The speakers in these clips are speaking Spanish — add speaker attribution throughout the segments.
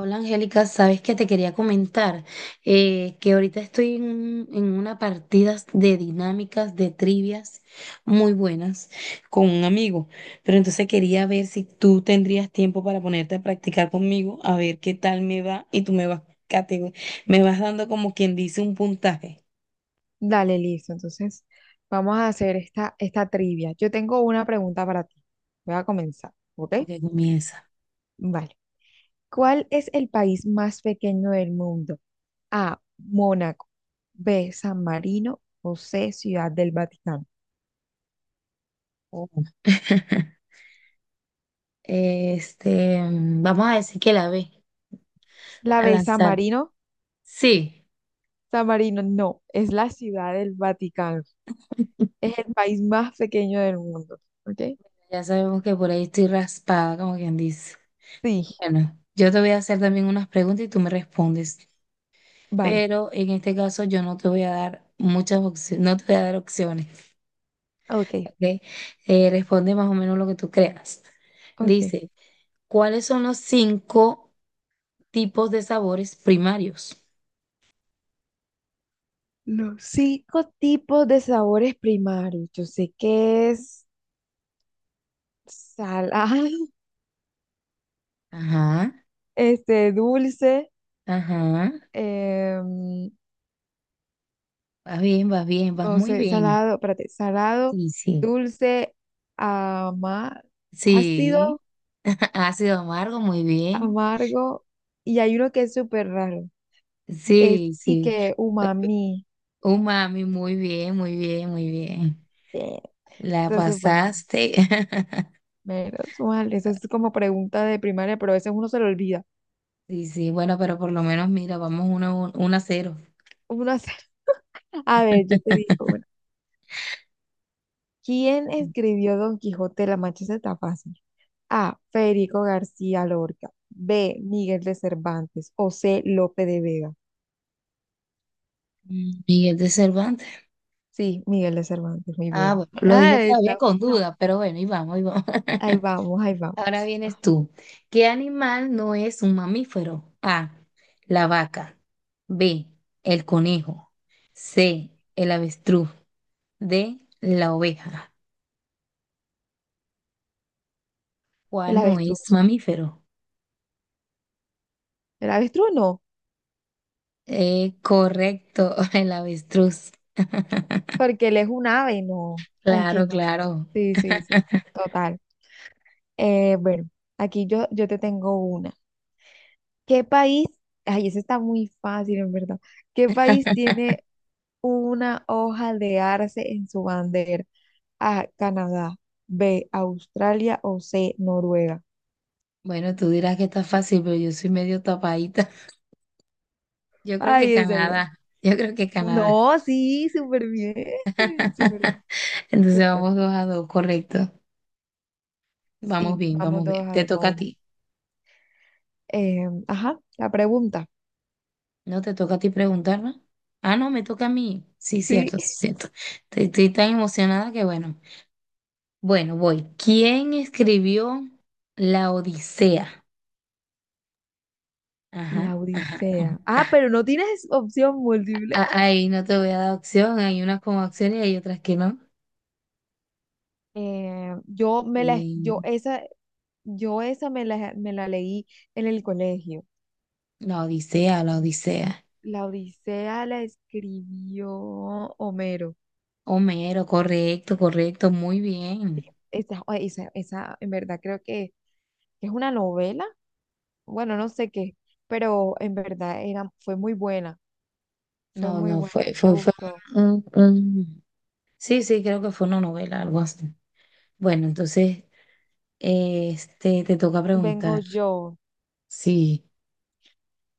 Speaker 1: Hola Angélica, sabes que te quería comentar, que ahorita estoy en una partida de dinámicas, de trivias muy buenas con un amigo, pero entonces quería ver si tú tendrías tiempo para ponerte a practicar conmigo, a ver qué tal me va y tú catego- me vas dando como quien dice un puntaje.
Speaker 2: Dale, listo. Entonces, vamos a hacer esta trivia. Yo tengo una pregunta para ti. Voy a comenzar, ¿ok?
Speaker 1: Ok, comienza.
Speaker 2: Vale. ¿Cuál es el país más pequeño del mundo? A, Mónaco. B, San Marino. O C, Ciudad del Vaticano.
Speaker 1: Oh. Este, vamos a decir que la ve
Speaker 2: La
Speaker 1: a
Speaker 2: B, San
Speaker 1: lanzar.
Speaker 2: Marino.
Speaker 1: Sí,
Speaker 2: San Marino, no. Es la Ciudad del Vaticano. Es el país más pequeño del mundo, ¿ok?
Speaker 1: ya sabemos que por ahí estoy raspada, como quien dice.
Speaker 2: Sí,
Speaker 1: Bueno, yo te voy a hacer también unas preguntas y tú me respondes,
Speaker 2: vale.
Speaker 1: pero en este caso yo no te voy a dar muchas opciones, no te voy a dar opciones,
Speaker 2: Ok,
Speaker 1: ¿ok? Responde más o menos lo que tú creas.
Speaker 2: ok.
Speaker 1: Dice, ¿cuáles son los cinco tipos de sabores primarios?
Speaker 2: Los cinco tipos de sabores primarios. Yo sé que es salado,
Speaker 1: Ajá,
Speaker 2: este, dulce,
Speaker 1: ajá,
Speaker 2: em,
Speaker 1: vas bien, vas bien, vas
Speaker 2: no
Speaker 1: muy
Speaker 2: sé,
Speaker 1: bien.
Speaker 2: salado, espérate, salado,
Speaker 1: Sí, sí,
Speaker 2: dulce, ama-
Speaker 1: sí,
Speaker 2: ácido,
Speaker 1: ácido amargo, muy bien.
Speaker 2: amargo, y hay uno que es súper raro, es
Speaker 1: Sí,
Speaker 2: y
Speaker 1: sí.
Speaker 2: que umami.
Speaker 1: Umami, muy bien, muy bien, muy bien.
Speaker 2: Eh,
Speaker 1: La
Speaker 2: Entonces, bueno,
Speaker 1: pasaste.
Speaker 2: menos mal, eso es como pregunta de primaria, pero a veces uno se lo olvida.
Speaker 1: Sí, sí, bueno, pero por lo menos mira, vamos uno a 0.
Speaker 2: Uno hace- a ver, yo te digo, una. ¿Quién escribió Don Quijote de la Mancha? Esa está fácil. A. Federico García Lorca. B. Miguel de Cervantes. O C. Lope de Vega.
Speaker 1: Miguel de Cervantes.
Speaker 2: Sí, Miguel de Cervantes, muy
Speaker 1: Ah,
Speaker 2: bien.
Speaker 1: bueno, lo dije
Speaker 2: Ah,
Speaker 1: todavía
Speaker 2: está
Speaker 1: con
Speaker 2: uno.
Speaker 1: duda, pero bueno, y vamos, y vamos.
Speaker 2: Ahí vamos, ahí vamos.
Speaker 1: Ahora vienes
Speaker 2: Ah,
Speaker 1: tú. ¿Qué animal no es un mamífero? A, la vaca. B, el conejo. C, el avestruz. D, la oveja.
Speaker 2: el
Speaker 1: ¿Cuál no es
Speaker 2: avestruz.
Speaker 1: mamífero?
Speaker 2: El avestruz no,
Speaker 1: Correcto, el avestruz.
Speaker 2: porque él es un ave, no. ¿Aunque
Speaker 1: Claro,
Speaker 2: más?
Speaker 1: claro.
Speaker 2: Sí, sí, sí. Total. Bueno, aquí yo te tengo una. ¿Qué país? Ay, eso está muy fácil, en verdad. ¿Qué país tiene una hoja de arce en su bandera? A, Canadá. B, Australia o C, Noruega.
Speaker 1: Bueno, tú dirás que está fácil, pero yo soy medio tapadita. Yo creo que
Speaker 2: Ay, en serio.
Speaker 1: Canadá. Yo creo que Canadá.
Speaker 2: No, sí, súper bien. Súper, bien,
Speaker 1: Entonces
Speaker 2: súper.
Speaker 1: vamos dos a dos, correcto. Vamos
Speaker 2: Sí,
Speaker 1: bien,
Speaker 2: vamos
Speaker 1: vamos bien.
Speaker 2: dos a
Speaker 1: Te
Speaker 2: dos,
Speaker 1: toca a
Speaker 2: vamos bien.
Speaker 1: ti.
Speaker 2: Ajá, la pregunta.
Speaker 1: No te toca a ti preguntar, ¿no? Ah, no, me toca a mí. Sí, cierto, sí,
Speaker 2: Sí,
Speaker 1: cierto. Estoy tan emocionada que bueno. Bueno, voy. ¿Quién escribió La Odisea?
Speaker 2: la
Speaker 1: Ajá. Ajá.
Speaker 2: Odisea. Ah, pero no tienes opción múltiple.
Speaker 1: Ahí no te voy a dar opción. Hay unas con opciones y hay otras que no.
Speaker 2: Eh, yo me la, yo
Speaker 1: Bien.
Speaker 2: esa, yo esa me la leí en el colegio.
Speaker 1: La Odisea, la Odisea.
Speaker 2: La Odisea la escribió Homero.
Speaker 1: Homero, correcto, correcto. Muy bien.
Speaker 2: Esa, en verdad creo que es una novela. Bueno, no sé qué, pero en verdad fue muy buena. Fue
Speaker 1: No,
Speaker 2: muy
Speaker 1: no,
Speaker 2: buena, a
Speaker 1: fue,
Speaker 2: mí me
Speaker 1: fue, fue
Speaker 2: gustó.
Speaker 1: un, un- Sí, sí, creo que fue una novela, algo así. Bueno, entonces, este, te toca
Speaker 2: Vengo
Speaker 1: preguntar.
Speaker 2: yo.
Speaker 1: Sí,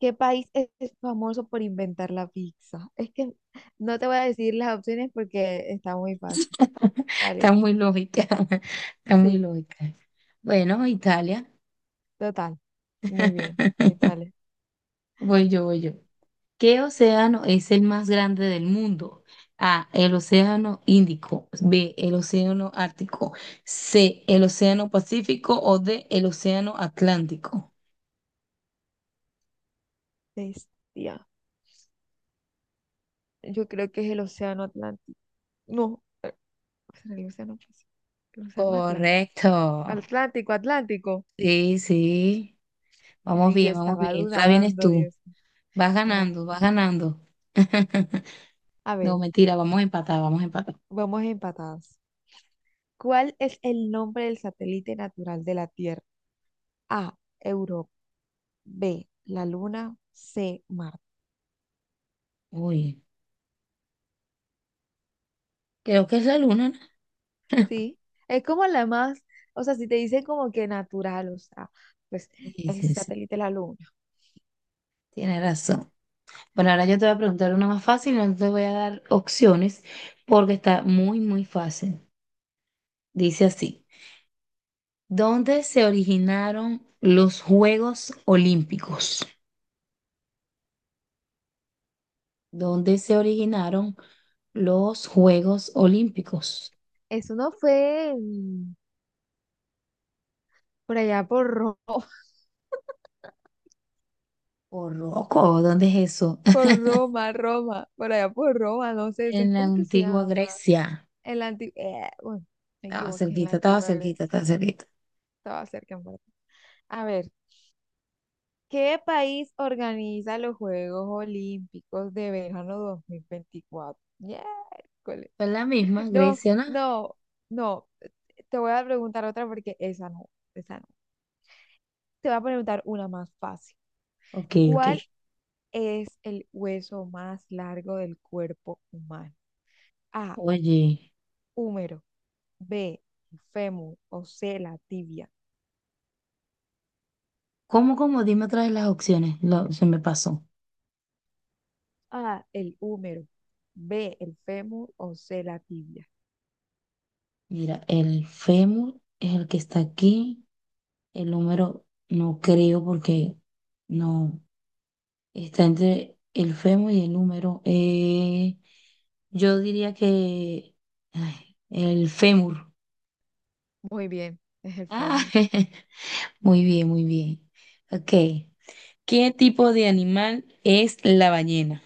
Speaker 2: ¿Qué país es famoso por inventar la pizza? Es que no te voy a decir las opciones porque está muy fácil.
Speaker 1: está
Speaker 2: Vale,
Speaker 1: muy lógica, está muy
Speaker 2: sí,
Speaker 1: lógica. Bueno, Italia.
Speaker 2: total. Muy bien, Italia.
Speaker 1: Voy yo, voy yo. ¿Qué océano es el más grande del mundo? A, el océano Índico. B, el océano Ártico. C, el océano Pacífico o D, el océano Atlántico.
Speaker 2: Bestia. Yo creo que es el océano Atlántico. No. Será el océano Pacífico, el océano Atlántico.
Speaker 1: Correcto.
Speaker 2: Atlántico, Atlántico.
Speaker 1: Sí, sí, vamos
Speaker 2: Ahí yo
Speaker 1: bien, vamos
Speaker 2: estaba
Speaker 1: bien. Ahora vienes
Speaker 2: dudando,
Speaker 1: tú.
Speaker 2: Dios mío.
Speaker 1: Vas
Speaker 2: Ahora
Speaker 1: ganando,
Speaker 2: venga.
Speaker 1: vas ganando.
Speaker 2: A
Speaker 1: No,
Speaker 2: ver,
Speaker 1: mentira, vamos a empatar, vamos a empatar.
Speaker 2: vamos empatados. ¿Cuál es el nombre del satélite natural de la Tierra? A, Europa. B, la Luna. C, Marte.
Speaker 1: Uy, creo que es la luna, ¿no?
Speaker 2: Sí, es como la más, o sea, si te dicen como que natural, o sea, pues
Speaker 1: Sí,
Speaker 2: el
Speaker 1: sí, sí,
Speaker 2: satélite de la Luna.
Speaker 1: tienes razón. Bueno, ahora yo te voy a preguntar una más fácil, no te voy a dar opciones porque está muy, muy fácil. Dice así, ¿dónde se originaron los Juegos Olímpicos? ¿Dónde se originaron los Juegos Olímpicos?
Speaker 2: Eso no fue por allá por Roma.
Speaker 1: Por loco, ¿dónde es eso?
Speaker 2: Por Roma, Roma, por allá por Roma, no sé, eso es
Speaker 1: En la
Speaker 2: como que se
Speaker 1: antigua
Speaker 2: llama.
Speaker 1: Grecia.
Speaker 2: En la antigua, bueno, me
Speaker 1: Estaba
Speaker 2: equivoqué, en la
Speaker 1: cerquita, estaba
Speaker 2: antigua
Speaker 1: cerquita,
Speaker 2: Grecia.
Speaker 1: estaba cerquita.
Speaker 2: Estaba cerca en verdad. A ver, ¿qué país organiza los Juegos Olímpicos de verano 2024? Yeah, cole.
Speaker 1: Fue la misma,
Speaker 2: No,
Speaker 1: Grecia, ¿no?
Speaker 2: no, no. Te voy a preguntar otra porque esa no, esa no. Te voy a preguntar una más fácil.
Speaker 1: Ok, ok.
Speaker 2: ¿Cuál es el hueso más largo del cuerpo humano? A,
Speaker 1: Oye,
Speaker 2: húmero. B, el fémur o C, la tibia.
Speaker 1: ¿cómo, cómo? Dime otra vez las opciones. Se me pasó.
Speaker 2: A, el húmero. B, el fémur o C, la tibia.
Speaker 1: Mira, el fémur es el que está aquí. El número no creo porque no está entre el fémur y el número. Yo diría que, ay, el fémur.
Speaker 2: Muy bien, es el
Speaker 1: Ah,
Speaker 2: fémur.
Speaker 1: muy bien, muy bien. Ok. ¿Qué tipo de animal es la ballena?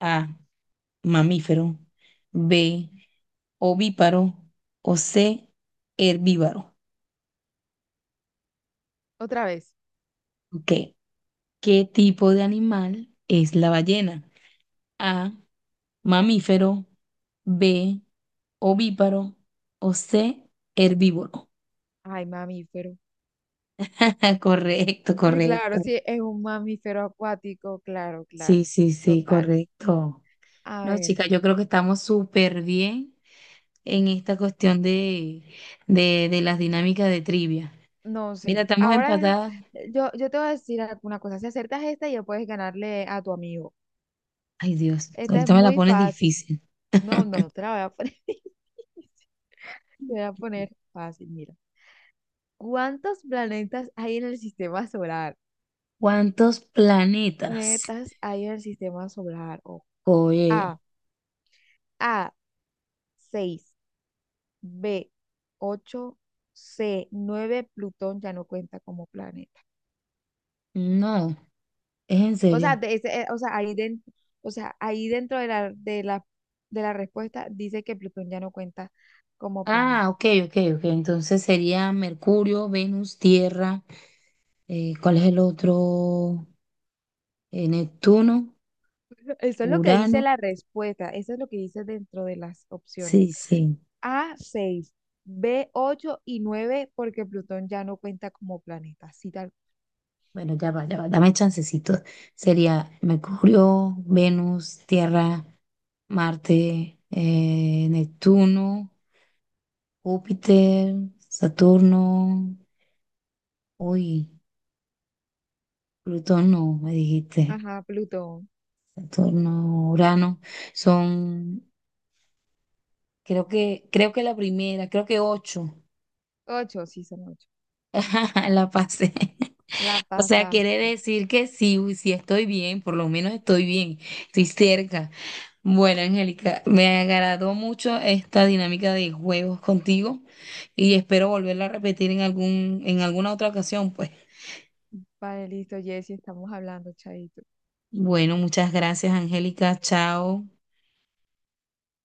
Speaker 1: A, mamífero, B, ovíparo o C, herbívoro.
Speaker 2: Otra vez.
Speaker 1: Ok, ¿qué tipo de animal es la ballena? A, mamífero, B, ovíparo o C, herbívoro.
Speaker 2: Ay, mamífero.
Speaker 1: Correcto,
Speaker 2: Claro,
Speaker 1: correcto.
Speaker 2: sí, es un mamífero acuático, claro, claro,
Speaker 1: Sí, sí, sí,
Speaker 2: total.
Speaker 1: correcto.
Speaker 2: A
Speaker 1: No,
Speaker 2: ver,
Speaker 1: chicas, yo creo que estamos súper bien en esta cuestión de las dinámicas de trivia.
Speaker 2: no,
Speaker 1: Mira,
Speaker 2: sí.
Speaker 1: estamos
Speaker 2: Ahora
Speaker 1: empatadas.
Speaker 2: yo te voy a decir alguna cosa. Si acertas esta, ya puedes ganarle a tu amigo.
Speaker 1: Ay, Dios,
Speaker 2: Esta es
Speaker 1: ahorita me la
Speaker 2: muy
Speaker 1: pones
Speaker 2: fácil.
Speaker 1: difícil.
Speaker 2: No, no, te la voy a poner, te voy a poner fácil, mira. ¿Cuántos planetas hay en el sistema solar?
Speaker 1: ¿Cuántos planetas?
Speaker 2: ¿Planetas hay en el sistema solar? O
Speaker 1: Oye,
Speaker 2: A, A, seis. B, ocho. C, nueve. Plutón ya no cuenta como planeta.
Speaker 1: no, es en
Speaker 2: O sea,
Speaker 1: serio.
Speaker 2: o sea, ahí dentro, o sea, ahí dentro de la respuesta dice que Plutón ya no cuenta como planeta.
Speaker 1: Ah, ok, ok, ok. Entonces sería Mercurio, Venus, Tierra, ¿cuál es el otro? Neptuno,
Speaker 2: Eso es lo que dice
Speaker 1: Urano.
Speaker 2: la respuesta, eso es lo que dice dentro de las opciones.
Speaker 1: Sí, sí.
Speaker 2: A, seis. B, 8 y 9 porque Plutón ya no cuenta como planeta. Así tal.
Speaker 1: Bueno, ya va, dame chancecito. Sería Mercurio, Venus, Tierra, Marte, Neptuno, Júpiter, Saturno, uy, Plutón no, me dijiste.
Speaker 2: Ajá, Plutón.
Speaker 1: Saturno, Urano, son, creo que la primera, creo que ocho.
Speaker 2: Ocho, sí, son ocho.
Speaker 1: La pasé.
Speaker 2: La
Speaker 1: O sea, quiere
Speaker 2: pasaste.
Speaker 1: decir que sí, uy, sí estoy bien, por lo menos estoy bien, estoy cerca. Bueno, Angélica, me agradó mucho esta dinámica de juegos contigo y espero volverla a repetir en alguna otra ocasión, pues.
Speaker 2: Vale, listo, Jessy, estamos hablando, chaito.
Speaker 1: Bueno, muchas gracias, Angélica. Chao.